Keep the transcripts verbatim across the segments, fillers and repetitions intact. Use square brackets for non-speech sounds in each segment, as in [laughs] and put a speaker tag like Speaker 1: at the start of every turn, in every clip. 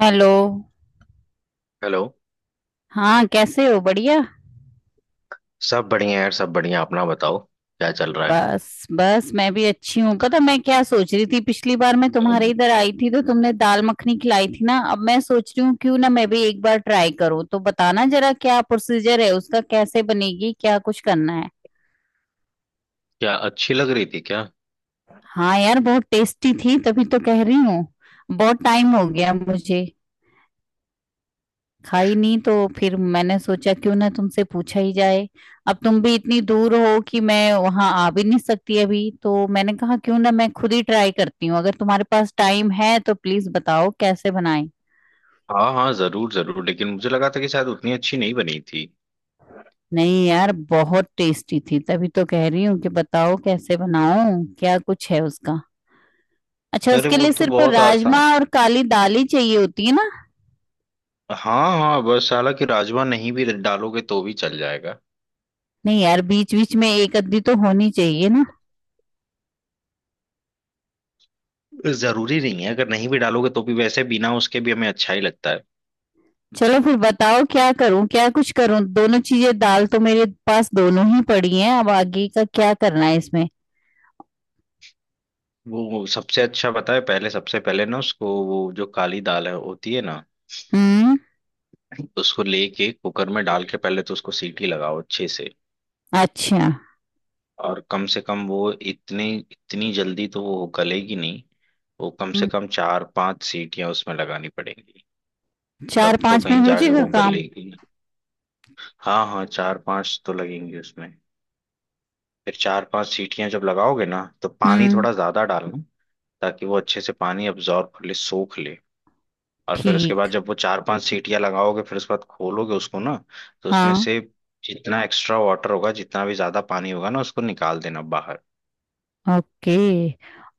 Speaker 1: Hello.
Speaker 2: Hello.
Speaker 1: हाँ कैसे हो? बढ़िया।
Speaker 2: सब बढ़िया यार, सब बढ़िया। अपना बताओ, क्या चल रहा है?
Speaker 1: बस बस, मैं भी अच्छी हूँ। पता मैं क्या सोच रही थी, पिछली बार मैं तुम्हारे
Speaker 2: हम्म।
Speaker 1: इधर आई थी तो तुमने दाल मखनी खिलाई थी ना, अब मैं सोच रही हूँ क्यों ना मैं भी एक बार ट्राई करूँ। तो बताना जरा, क्या प्रोसीजर है उसका, कैसे बनेगी, क्या कुछ करना है।
Speaker 2: क्या अच्छी लग रही थी क्या?
Speaker 1: हाँ यार, बहुत टेस्टी थी, तभी तो कह रही हूँ। बहुत टाइम हो गया मुझे खाई नहीं, तो फिर मैंने सोचा क्यों ना तुमसे पूछा ही जाए। अब तुम भी इतनी दूर हो कि मैं वहां आ भी नहीं सकती अभी, तो मैंने कहा क्यों ना मैं खुद ही ट्राई करती हूँ। अगर तुम्हारे पास टाइम है तो प्लीज बताओ कैसे बनाएं।
Speaker 2: हाँ हाँ, जरूर जरूर। लेकिन मुझे लगा था कि शायद उतनी अच्छी नहीं बनी थी।
Speaker 1: नहीं यार, बहुत टेस्टी थी, तभी तो कह रही हूँ कि बताओ कैसे बनाऊं, क्या कुछ है उसका। अच्छा,
Speaker 2: अरे
Speaker 1: उसके
Speaker 2: वो
Speaker 1: लिए
Speaker 2: तो
Speaker 1: सिर्फ
Speaker 2: बहुत
Speaker 1: राजमा
Speaker 2: आसान।
Speaker 1: और काली दाल ही चाहिए होती है ना?
Speaker 2: हाँ हाँ, बस हालांकि राजमा नहीं भी डालोगे तो भी चल जाएगा।
Speaker 1: नहीं यार, बीच बीच में एक अद्धी तो होनी चाहिए ना।
Speaker 2: जरूरी नहीं है, अगर नहीं भी डालोगे तो भी, वैसे बिना उसके भी हमें अच्छा ही लगता है।
Speaker 1: चलो फिर बताओ क्या करूं, क्या कुछ करूं। दोनों चीजें दाल तो मेरे पास दोनों ही पड़ी हैं, अब आगे का क्या करना है इसमें।
Speaker 2: वो सबसे अच्छा बताए पहले, सबसे पहले ना उसको, वो जो काली दाल है होती है ना,
Speaker 1: हम्म।
Speaker 2: उसको लेके कुकर में डाल के पहले तो उसको सीटी लगाओ अच्छे से।
Speaker 1: अच्छा।
Speaker 2: और कम से कम वो इतनी इतनी जल्दी तो वो गलेगी नहीं। वो कम से
Speaker 1: हम्म,
Speaker 2: कम चार पांच सीटियां उसमें लगानी पड़ेंगी।
Speaker 1: चार
Speaker 2: तब तो
Speaker 1: पांच में
Speaker 2: कहीं
Speaker 1: हो
Speaker 2: जाके
Speaker 1: जाएगा
Speaker 2: वो
Speaker 1: काम?
Speaker 2: गलेगी। हाँ हाँ, चार पांच तो लगेंगी उसमें। फिर चार पांच सीटियां जब लगाओगे ना, तो पानी
Speaker 1: हम्म।
Speaker 2: थोड़ा ज्यादा डालना ताकि वो अच्छे से पानी अब्जॉर्ब कर ले, सोख ले। और फिर उसके
Speaker 1: ठीक।
Speaker 2: बाद जब वो चार पांच सीटियां लगाओगे, फिर उसके बाद खोलोगे उसको ना, तो उसमें
Speaker 1: हाँ।
Speaker 2: से जितना एक्स्ट्रा वाटर होगा, जितना भी ज्यादा पानी होगा ना, उसको निकाल देना बाहर।
Speaker 1: ओके।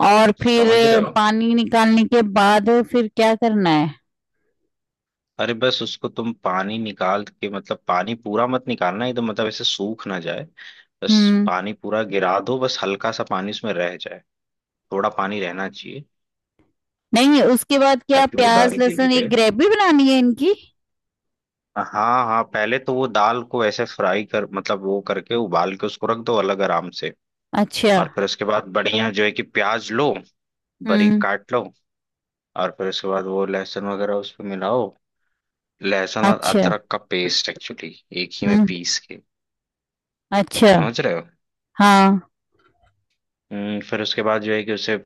Speaker 1: और फिर
Speaker 2: समझ रहे हो?
Speaker 1: पानी निकालने के बाद फिर क्या करना है?
Speaker 2: अरे बस उसको तुम पानी निकाल के, मतलब पानी पूरा मत निकालना एकदम, मतलब ऐसे सूख ना जाए बस।
Speaker 1: हम्म।
Speaker 2: पानी पूरा गिरा दो, बस हल्का सा पानी उसमें रह जाए। थोड़ा पानी रहना चाहिए
Speaker 1: नहीं उसके बाद क्या,
Speaker 2: ताकि वो दाल
Speaker 1: प्याज
Speaker 2: गीली
Speaker 1: लहसुन एक
Speaker 2: रहे।
Speaker 1: ग्रेवी बनानी है इनकी?
Speaker 2: हाँ हाँ, पहले तो वो दाल को ऐसे फ्राई कर, मतलब वो करके उबाल के उसको रख दो अलग आराम से।
Speaker 1: अच्छा।
Speaker 2: और फिर उसके बाद बढ़िया जो है कि प्याज लो, बारीक
Speaker 1: हम्म।
Speaker 2: काट लो। और फिर उसके बाद वो लहसुन वगैरह उसमें मिलाओ। लहसुन और
Speaker 1: अच्छा।
Speaker 2: अदरक का पेस्ट एक्चुअली, एक ही में
Speaker 1: हम्म।
Speaker 2: पीस के।
Speaker 1: अच्छा।
Speaker 2: समझ रहे हो?
Speaker 1: हाँ।
Speaker 2: हम्म, फिर उसके बाद जो है कि उसे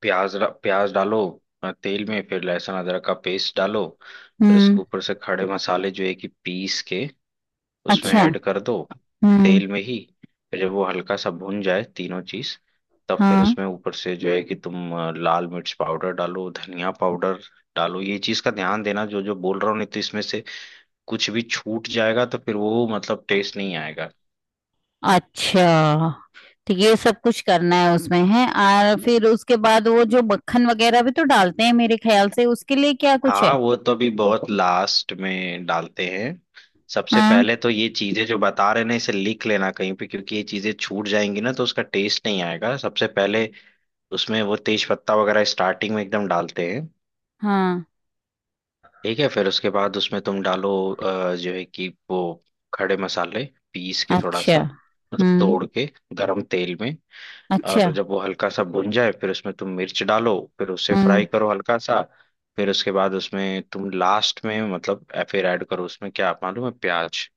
Speaker 2: प्याज र- प्याज डालो, अ, तेल में, फिर लहसुन अदरक का पेस्ट डालो। फिर
Speaker 1: हम्म।
Speaker 2: इसके ऊपर से खड़े मसाले जो है कि पीस के उसमें
Speaker 1: अच्छा।
Speaker 2: ऐड कर दो,
Speaker 1: हम्म।
Speaker 2: तेल में ही। फिर जब वो हल्का सा भुन जाए तीनों चीज, तब फिर
Speaker 1: हाँ।
Speaker 2: उसमें ऊपर से जो है कि तुम अ, लाल मिर्च पाउडर डालो, धनिया पाउडर डालो। ये चीज का ध्यान देना जो जो बोल रहा हूँ, नहीं तो इसमें से कुछ भी छूट जाएगा तो फिर वो, मतलब टेस्ट नहीं आएगा।
Speaker 1: अच्छा, तो ये सब कुछ करना है उसमें है। और फिर उसके बाद वो जो मक्खन वगैरह भी तो डालते हैं मेरे ख्याल से, उसके लिए क्या कुछ
Speaker 2: हाँ
Speaker 1: है?
Speaker 2: वो तो अभी बहुत लास्ट में डालते हैं। सबसे
Speaker 1: हाँ
Speaker 2: पहले तो ये चीजें जो बता रहे हैं ना, इसे लिख लेना कहीं पे, क्योंकि ये चीजें छूट जाएंगी ना तो उसका टेस्ट नहीं आएगा। सबसे पहले उसमें वो तेज पत्ता वगैरह स्टार्टिंग में एकदम डालते हैं।
Speaker 1: हाँ।
Speaker 2: ठीक है? फिर उसके बाद उसमें तुम डालो अ, जो है कि वो खड़े मसाले, पीस के थोड़ा
Speaker 1: अच्छा।
Speaker 2: सा, मतलब
Speaker 1: हम्म।
Speaker 2: तोड़ के, गरम तेल में।
Speaker 1: अच्छा।
Speaker 2: और जब वो हल्का सा भुन जाए, फिर उसमें तुम मिर्च डालो, फिर उसे
Speaker 1: हम्म।
Speaker 2: फ्राई करो हल्का सा। फिर उसके बाद उसमें तुम लास्ट में, मतलब अ, फिर ऐड करो उसमें, क्या मालूम है, प्याज।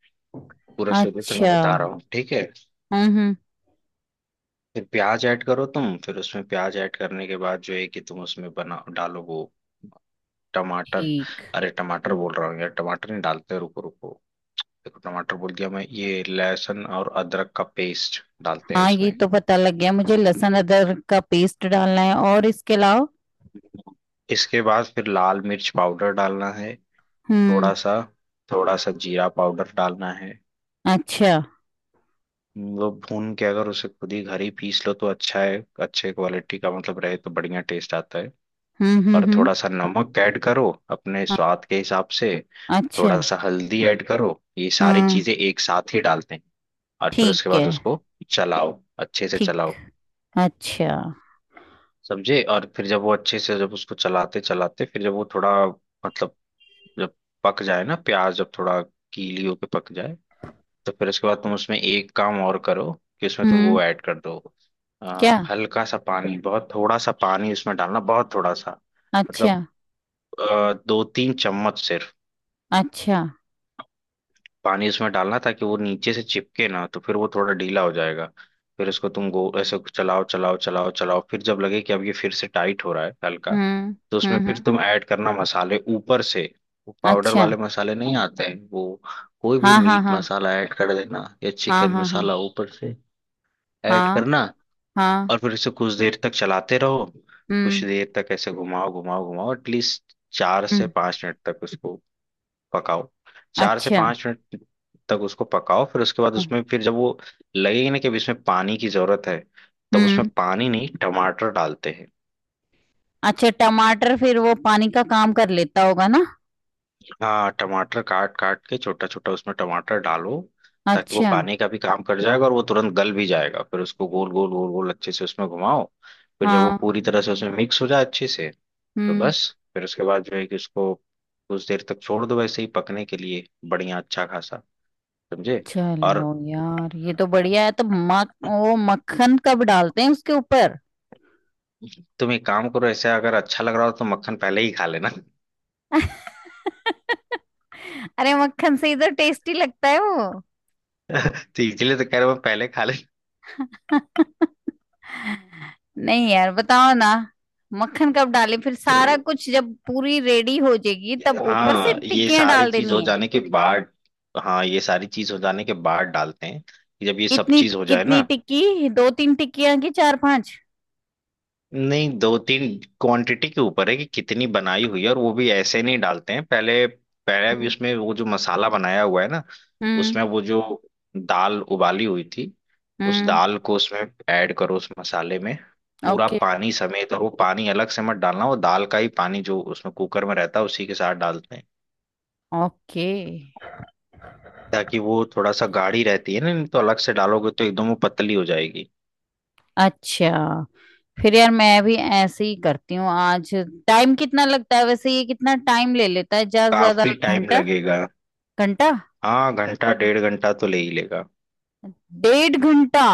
Speaker 2: पूरा शुरू से मैं
Speaker 1: अच्छा।
Speaker 2: बता रहा हूँ, ठीक है?
Speaker 1: हम्म। हम्म,
Speaker 2: फिर प्याज ऐड करो तुम। फिर उसमें प्याज ऐड करने के बाद जो है कि तुम उसमें बना डालो वो टमाटर।
Speaker 1: ठीक।
Speaker 2: अरे टमाटर बोल रहा हूँ यार, टमाटर नहीं डालते, रुको रुको। देखो टमाटर बोल दिया मैं, ये लहसुन और अदरक का पेस्ट डालते हैं
Speaker 1: हाँ ये
Speaker 2: उसमें।
Speaker 1: तो पता लग गया मुझे लहसुन अदरक का पेस्ट डालना है, और इसके अलावा?
Speaker 2: इसके बाद फिर लाल मिर्च पाउडर डालना है,
Speaker 1: हम्म।
Speaker 2: थोड़ा सा। थोड़ा सा जीरा पाउडर डालना है।
Speaker 1: अच्छा।
Speaker 2: वो भून के, अगर उसे खुद ही घर ही पीस लो तो अच्छा है, अच्छे क्वालिटी का मतलब रहे तो बढ़िया टेस्ट आता है।
Speaker 1: हम्म हम्म
Speaker 2: और
Speaker 1: हम्म।
Speaker 2: थोड़ा सा नमक ऐड करो अपने
Speaker 1: हाँ,
Speaker 2: स्वाद के हिसाब से।
Speaker 1: अच्छा।
Speaker 2: थोड़ा सा हल्दी ऐड करो। ये सारी
Speaker 1: हम्म।
Speaker 2: चीजें एक साथ ही डालते हैं। और फिर उसके
Speaker 1: ठीक
Speaker 2: बाद
Speaker 1: है।
Speaker 2: उसको चलाओ, अच्छे से
Speaker 1: ठीक।
Speaker 2: चलाओ।
Speaker 1: अच्छा।
Speaker 2: समझे? और फिर जब वो अच्छे से, जब उसको चलाते चलाते, फिर जब वो थोड़ा, मतलब जब पक जाए ना प्याज, जब थोड़ा गीली होके पक जाए, तो फिर उसके बाद तुम उसमें एक काम और करो कि उसमें तुम
Speaker 1: हम्म।
Speaker 2: वो ऐड कर दो
Speaker 1: क्या?
Speaker 2: अ, हल्का सा पानी, बहुत थोड़ा सा पानी उसमें डालना, बहुत थोड़ा सा,
Speaker 1: अच्छा।
Speaker 2: मतलब अ, दो तीन चम्मच सिर्फ
Speaker 1: अच्छा।
Speaker 2: पानी उसमें डालना ताकि वो नीचे से चिपके ना, तो फिर वो थोड़ा ढीला हो जाएगा। फिर उसको तुम गो ऐसे चलाओ चलाओ चलाओ चलाओ। फिर जब लगे कि अब ये फिर से टाइट हो रहा है हल्का,
Speaker 1: हुँ।
Speaker 2: तो उसमें
Speaker 1: हुँ,
Speaker 2: फिर
Speaker 1: हुँ।
Speaker 2: तुम ऐड करना मसाले ऊपर से। वो पाउडर
Speaker 1: अच्छा।
Speaker 2: वाले मसाले नहीं आते हैं वो, कोई भी
Speaker 1: हाँ, हाँ,
Speaker 2: मीट
Speaker 1: हाँ।
Speaker 2: मसाला ऐड कर देना, या
Speaker 1: हाँ,
Speaker 2: चिकन
Speaker 1: हाँ, हाँ।
Speaker 2: मसाला ऊपर से ऐड
Speaker 1: हाँ,
Speaker 2: करना।
Speaker 1: हाँ।
Speaker 2: और फिर इसे कुछ देर तक चलाते रहो, कुछ
Speaker 1: हुँ,
Speaker 2: देर तक ऐसे घुमाओ घुमाओ घुमाओ, एटलीस्ट चार
Speaker 1: हुँ।
Speaker 2: से पांच मिनट तक उसको पकाओ। चार से
Speaker 1: अच्छा।
Speaker 2: पांच मिनट तक उसको पकाओ। फिर उसके बाद
Speaker 1: हुँ,
Speaker 2: उसमें फिर जब वो लगेगी ना कि अब इसमें पानी की जरूरत है, तब
Speaker 1: हुँ।
Speaker 2: उसमें पानी नहीं टमाटर डालते हैं।
Speaker 1: अच्छा, टमाटर फिर वो पानी का काम कर लेता होगा ना?
Speaker 2: हाँ टमाटर काट काट के छोटा छोटा उसमें टमाटर डालो, ताकि वो
Speaker 1: अच्छा।
Speaker 2: पानी का भी काम कर जाएगा और वो तुरंत गल भी जाएगा। फिर उसको गोल गोल गोल गोल अच्छे से उसमें घुमाओ। फिर जब वो
Speaker 1: हाँ।
Speaker 2: पूरी तरह से उसमें मिक्स हो जाए अच्छे से, तो
Speaker 1: हुँ।
Speaker 2: बस। फिर उसके बाद जो है कि उसको कुछ देर तक छोड़ दो वैसे ही पकने के लिए, बढ़िया अच्छा खासा। समझे?
Speaker 1: चलो
Speaker 2: और
Speaker 1: यार, ये तो बढ़िया है। तो मक वो मक्खन कब डालते हैं उसके ऊपर?
Speaker 2: तुम एक काम करो, ऐसे अगर अच्छा लग रहा हो तो मक्खन पहले ही खा लेना।
Speaker 1: [laughs] अरे मक्खन से ही तो टेस्टी लगता है वो।
Speaker 2: [laughs] तो इसलिए तो कह रहा हूँ पहले खा ले।
Speaker 1: नहीं यार बताओ ना, मक्खन कब डाले? फिर
Speaker 2: तो
Speaker 1: सारा कुछ जब पूरी रेडी हो जाएगी तब ऊपर से
Speaker 2: हाँ, ये
Speaker 1: टिक्कियां
Speaker 2: सारी
Speaker 1: डाल
Speaker 2: चीज
Speaker 1: देनी
Speaker 2: हो
Speaker 1: है?
Speaker 2: जाने के बाद, हाँ ये सारी चीज हो जाने के बाद डालते हैं, कि जब ये सब
Speaker 1: कितनी,
Speaker 2: चीज हो जाए
Speaker 1: कितनी
Speaker 2: ना।
Speaker 1: टिक्की, दो तीन टिक्कियां की चार पांच?
Speaker 2: नहीं दो तीन, क्वांटिटी के ऊपर है कि कितनी बनाई हुई है। और वो भी ऐसे नहीं डालते हैं, पहले पहले भी
Speaker 1: हम्म
Speaker 2: उसमें वो जो मसाला बनाया हुआ है ना,
Speaker 1: हम्म
Speaker 2: उसमें वो जो दाल उबाली हुई थी, उस
Speaker 1: हम्म,
Speaker 2: दाल को उसमें ऐड करो, उस मसाले में, पूरा
Speaker 1: ओके।
Speaker 2: पानी समेत। और वो पानी अलग से मत डालना, वो दाल का ही पानी जो उसमें कुकर में रहता है, उसी के साथ डालते हैं
Speaker 1: ओके।
Speaker 2: ताकि वो थोड़ा सा गाढ़ी रहती है ना, नहीं तो अलग से डालोगे तो एकदम वो पतली हो जाएगी।
Speaker 1: अच्छा। फिर यार मैं भी ऐसे ही करती हूँ आज। टाइम कितना लगता है वैसे, ये कितना टाइम ले लेता है, ज्यादा से ज्यादा
Speaker 2: काफी टाइम
Speaker 1: घंटा?
Speaker 2: लगेगा।
Speaker 1: घंटा?
Speaker 2: हाँ घंटा डेढ़ घंटा तो ले ही लेगा।
Speaker 1: डेढ़ घंटा?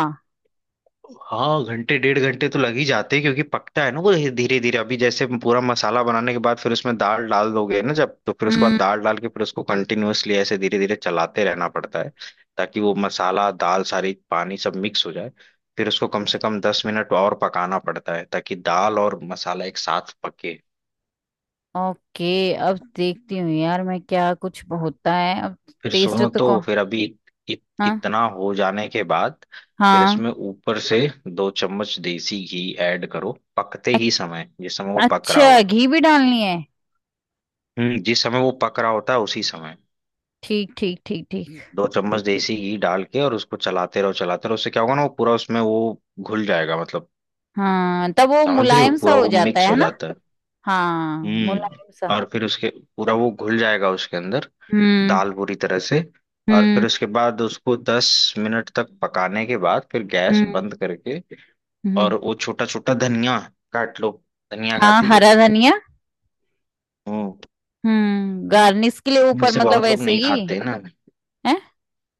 Speaker 2: हाँ घंटे डेढ़ घंटे तो लग ही जाते हैं, क्योंकि पकता है ना वो धीरे धीरे। अभी जैसे पूरा मसाला बनाने के बाद फिर उसमें दाल डाल दोगे ना जब, तो फिर उसके बाद
Speaker 1: हम्म।
Speaker 2: दाल डाल के फिर उसको कंटिन्यूअसली ऐसे धीरे धीरे चलाते रहना पड़ता है, ताकि वो मसाला दाल सारी पानी सब मिक्स हो जाए। फिर उसको कम से कम दस मिनट और पकाना पड़ता है ताकि दाल और मसाला एक साथ पके।
Speaker 1: ओके, अब देखती हूँ यार मैं क्या कुछ होता है अब।
Speaker 2: फिर
Speaker 1: टेस्ट
Speaker 2: सुनो
Speaker 1: तो को
Speaker 2: तो, फिर अभी इत,
Speaker 1: हाँ,
Speaker 2: इतना हो जाने के बाद फिर
Speaker 1: हाँ।
Speaker 2: इसमें ऊपर से दो चम्मच देसी घी ऐड करो पकते
Speaker 1: अ-
Speaker 2: ही समय, जिस समय वो पक रहा
Speaker 1: अच्छा,
Speaker 2: हो।
Speaker 1: घी भी डालनी है?
Speaker 2: हम्म जिस समय वो पक रहा होता है उसी समय
Speaker 1: ठीक ठीक ठीक ठीक।
Speaker 2: दो चम्मच देसी घी डाल के, और उसको चलाते रहो चलाते रहो। उससे क्या होगा ना, वो पूरा उसमें वो घुल जाएगा मतलब।
Speaker 1: हाँ तब वो
Speaker 2: समझ रही हो?
Speaker 1: मुलायम सा
Speaker 2: पूरा
Speaker 1: हो
Speaker 2: वो
Speaker 1: जाता
Speaker 2: मिक्स
Speaker 1: है
Speaker 2: हो
Speaker 1: ना।
Speaker 2: जाता है।
Speaker 1: हाँ। मुलायम सा।
Speaker 2: हम्म और फिर उसके, पूरा वो घुल जाएगा उसके अंदर,
Speaker 1: हम्म।
Speaker 2: दाल पूरी तरह से। और
Speaker 1: हम्म।
Speaker 2: फिर उसके बाद उसको दस मिनट तक पकाने के बाद फिर गैस
Speaker 1: हम्म।
Speaker 2: बंद करके,
Speaker 1: हम्म।
Speaker 2: और वो छोटा छोटा धनिया काट लो। धनिया
Speaker 1: हाँ,
Speaker 2: खाती हो?
Speaker 1: हरा धनिया।
Speaker 2: हम्म
Speaker 1: हम्म, गार्निश के लिए ऊपर,
Speaker 2: वैसे
Speaker 1: मतलब
Speaker 2: बहुत लोग
Speaker 1: वैसे
Speaker 2: नहीं
Speaker 1: ही
Speaker 2: खाते ना।
Speaker 1: है?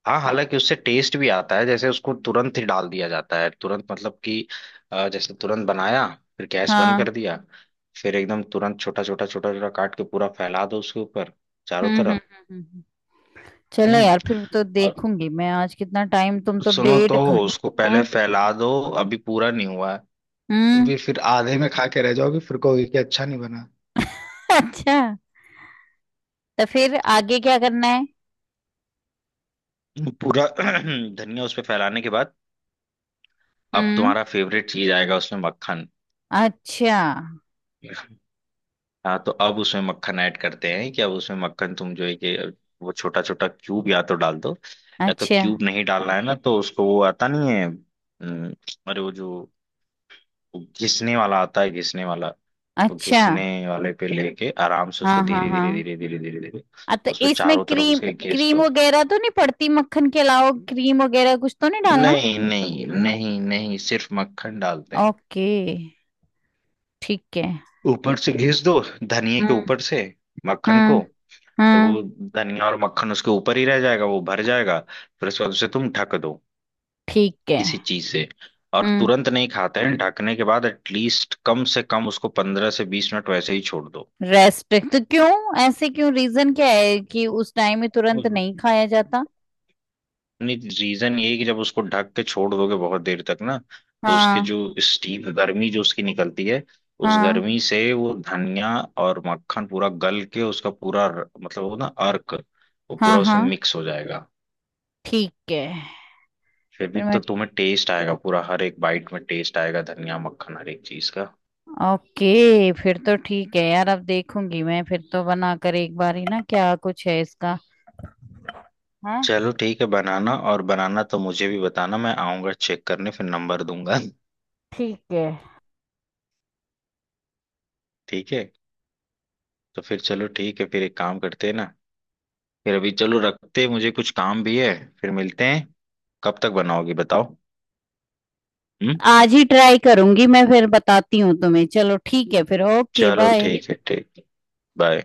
Speaker 2: हाँ हालांकि उससे टेस्ट भी आता है, जैसे उसको तुरंत ही डाल दिया जाता है, तुरंत मतलब कि अ, जैसे तुरंत बनाया, फिर गैस बंद
Speaker 1: हाँ।
Speaker 2: कर दिया, फिर एकदम तुरंत छोटा छोटा छोटा छोटा काट के पूरा फैला दो उसके ऊपर, चारों
Speaker 1: हम्म हम्म हम्म।
Speaker 2: तरफ।
Speaker 1: हम्म। हम्म। चलो
Speaker 2: हम्म
Speaker 1: यार फिर तो
Speaker 2: और
Speaker 1: देखूंगी मैं आज कितना टाइम, तुम तो
Speaker 2: सुनो
Speaker 1: डेढ़
Speaker 2: तो,
Speaker 1: घंटा।
Speaker 2: उसको पहले
Speaker 1: हाँ,
Speaker 2: फैला दो, अभी पूरा नहीं हुआ है।
Speaker 1: हम्म।
Speaker 2: अभी फिर आधे में खा के रह जाओगे, फिर कहोगे कि अच्छा नहीं बना।
Speaker 1: [laughs] अच्छा, तो फिर आगे क्या करना है?
Speaker 2: पूरा [clears throat] धनिया उस पे फैलाने के बाद, अब
Speaker 1: हम्म।
Speaker 2: तुम्हारा फेवरेट चीज आएगा उसमें, मक्खन।
Speaker 1: अच्छा।
Speaker 2: हाँ तो अब उसमें मक्खन ऐड करते हैं, कि अब उसमें मक्खन तुम जो है कि वो छोटा छोटा क्यूब या तो डाल दो, या तो
Speaker 1: अच्छा।
Speaker 2: क्यूब नहीं डालना है ना तो उसको वो आता नहीं है। हम्म, अरे वो जो, वो घिसने वाला आता है, घिसने वाला, वो
Speaker 1: अच्छा।
Speaker 2: घिसने वाले पे लेके आराम से
Speaker 1: हाँ
Speaker 2: उसको
Speaker 1: हाँ
Speaker 2: धीरे
Speaker 1: हाँ,
Speaker 2: धीरे धीरे धीरे धीरे धीरे
Speaker 1: आ, तो
Speaker 2: उस पे
Speaker 1: इसमें
Speaker 2: चारों तरफ
Speaker 1: क्रीम,
Speaker 2: उसके घिस
Speaker 1: क्रीम
Speaker 2: दो।
Speaker 1: वगैरह तो नहीं पड़ती? मक्खन के अलावा क्रीम वगैरह कुछ तो नहीं डालना?
Speaker 2: नहीं नहीं नहीं नहीं, सिर्फ मक्खन डालते हैं।
Speaker 1: ओके। ठीक है।
Speaker 2: ऊपर से घिस दो धनिए के
Speaker 1: हम्म।
Speaker 2: ऊपर से, मक्खन को।
Speaker 1: हम्म। हम्म।
Speaker 2: वो धनिया और मक्खन उसके ऊपर ही रह जाएगा, वो भर जाएगा। फिर उसके बाद उसे तुम ढक दो
Speaker 1: ठीक है।
Speaker 2: किसी चीज से। और
Speaker 1: हम्म,
Speaker 2: तुरंत नहीं खाते हैं, ढकने के बाद एटलीस्ट कम से कम उसको पंद्रह से बीस मिनट वैसे ही छोड़ दो।
Speaker 1: रेस्ट तो क्यों, ऐसे क्यों, रीजन क्या है कि उस टाइम में तुरंत नहीं खाया जाता?
Speaker 2: रीजन ये है कि जब उसको ढक के छोड़ दोगे बहुत देर तक ना, तो उसके
Speaker 1: हाँ।
Speaker 2: जो स्टीम, गर्मी जो उसकी निकलती है, उस
Speaker 1: हाँ
Speaker 2: गर्मी से वो धनिया और मक्खन पूरा गल के उसका पूरा र- मतलब वो ना अर्क, वो
Speaker 1: हाँ।
Speaker 2: पूरा उसमें
Speaker 1: हाँ
Speaker 2: मिक्स हो जाएगा।
Speaker 1: ठीक है।
Speaker 2: फिर भी
Speaker 1: फिर
Speaker 2: तो
Speaker 1: मैं
Speaker 2: तुम्हें टेस्ट आएगा पूरा, हर एक बाइट में टेस्ट आएगा, धनिया मक्खन हर एक चीज का।
Speaker 1: ओके फिर तो ठीक है यार, अब देखूंगी मैं फिर तो बनाकर एक बार ही ना, क्या कुछ है इसका। हाँ।
Speaker 2: चलो ठीक है, बनाना। और बनाना तो मुझे भी बताना, मैं आऊंगा चेक करने, फिर नंबर दूंगा।
Speaker 1: ठीक है,
Speaker 2: ठीक है? तो फिर चलो ठीक है, फिर एक काम करते हैं ना। फिर अभी चलो रखते हैं, मुझे कुछ काम भी है। फिर मिलते हैं। कब तक बनाओगी बताओ? हम्म
Speaker 1: आज ही ट्राई करूंगी मैं, फिर बताती हूँ तुम्हें। चलो ठीक है फिर, ओके,
Speaker 2: चलो
Speaker 1: बाय।
Speaker 2: ठीक है, ठीक। बाय।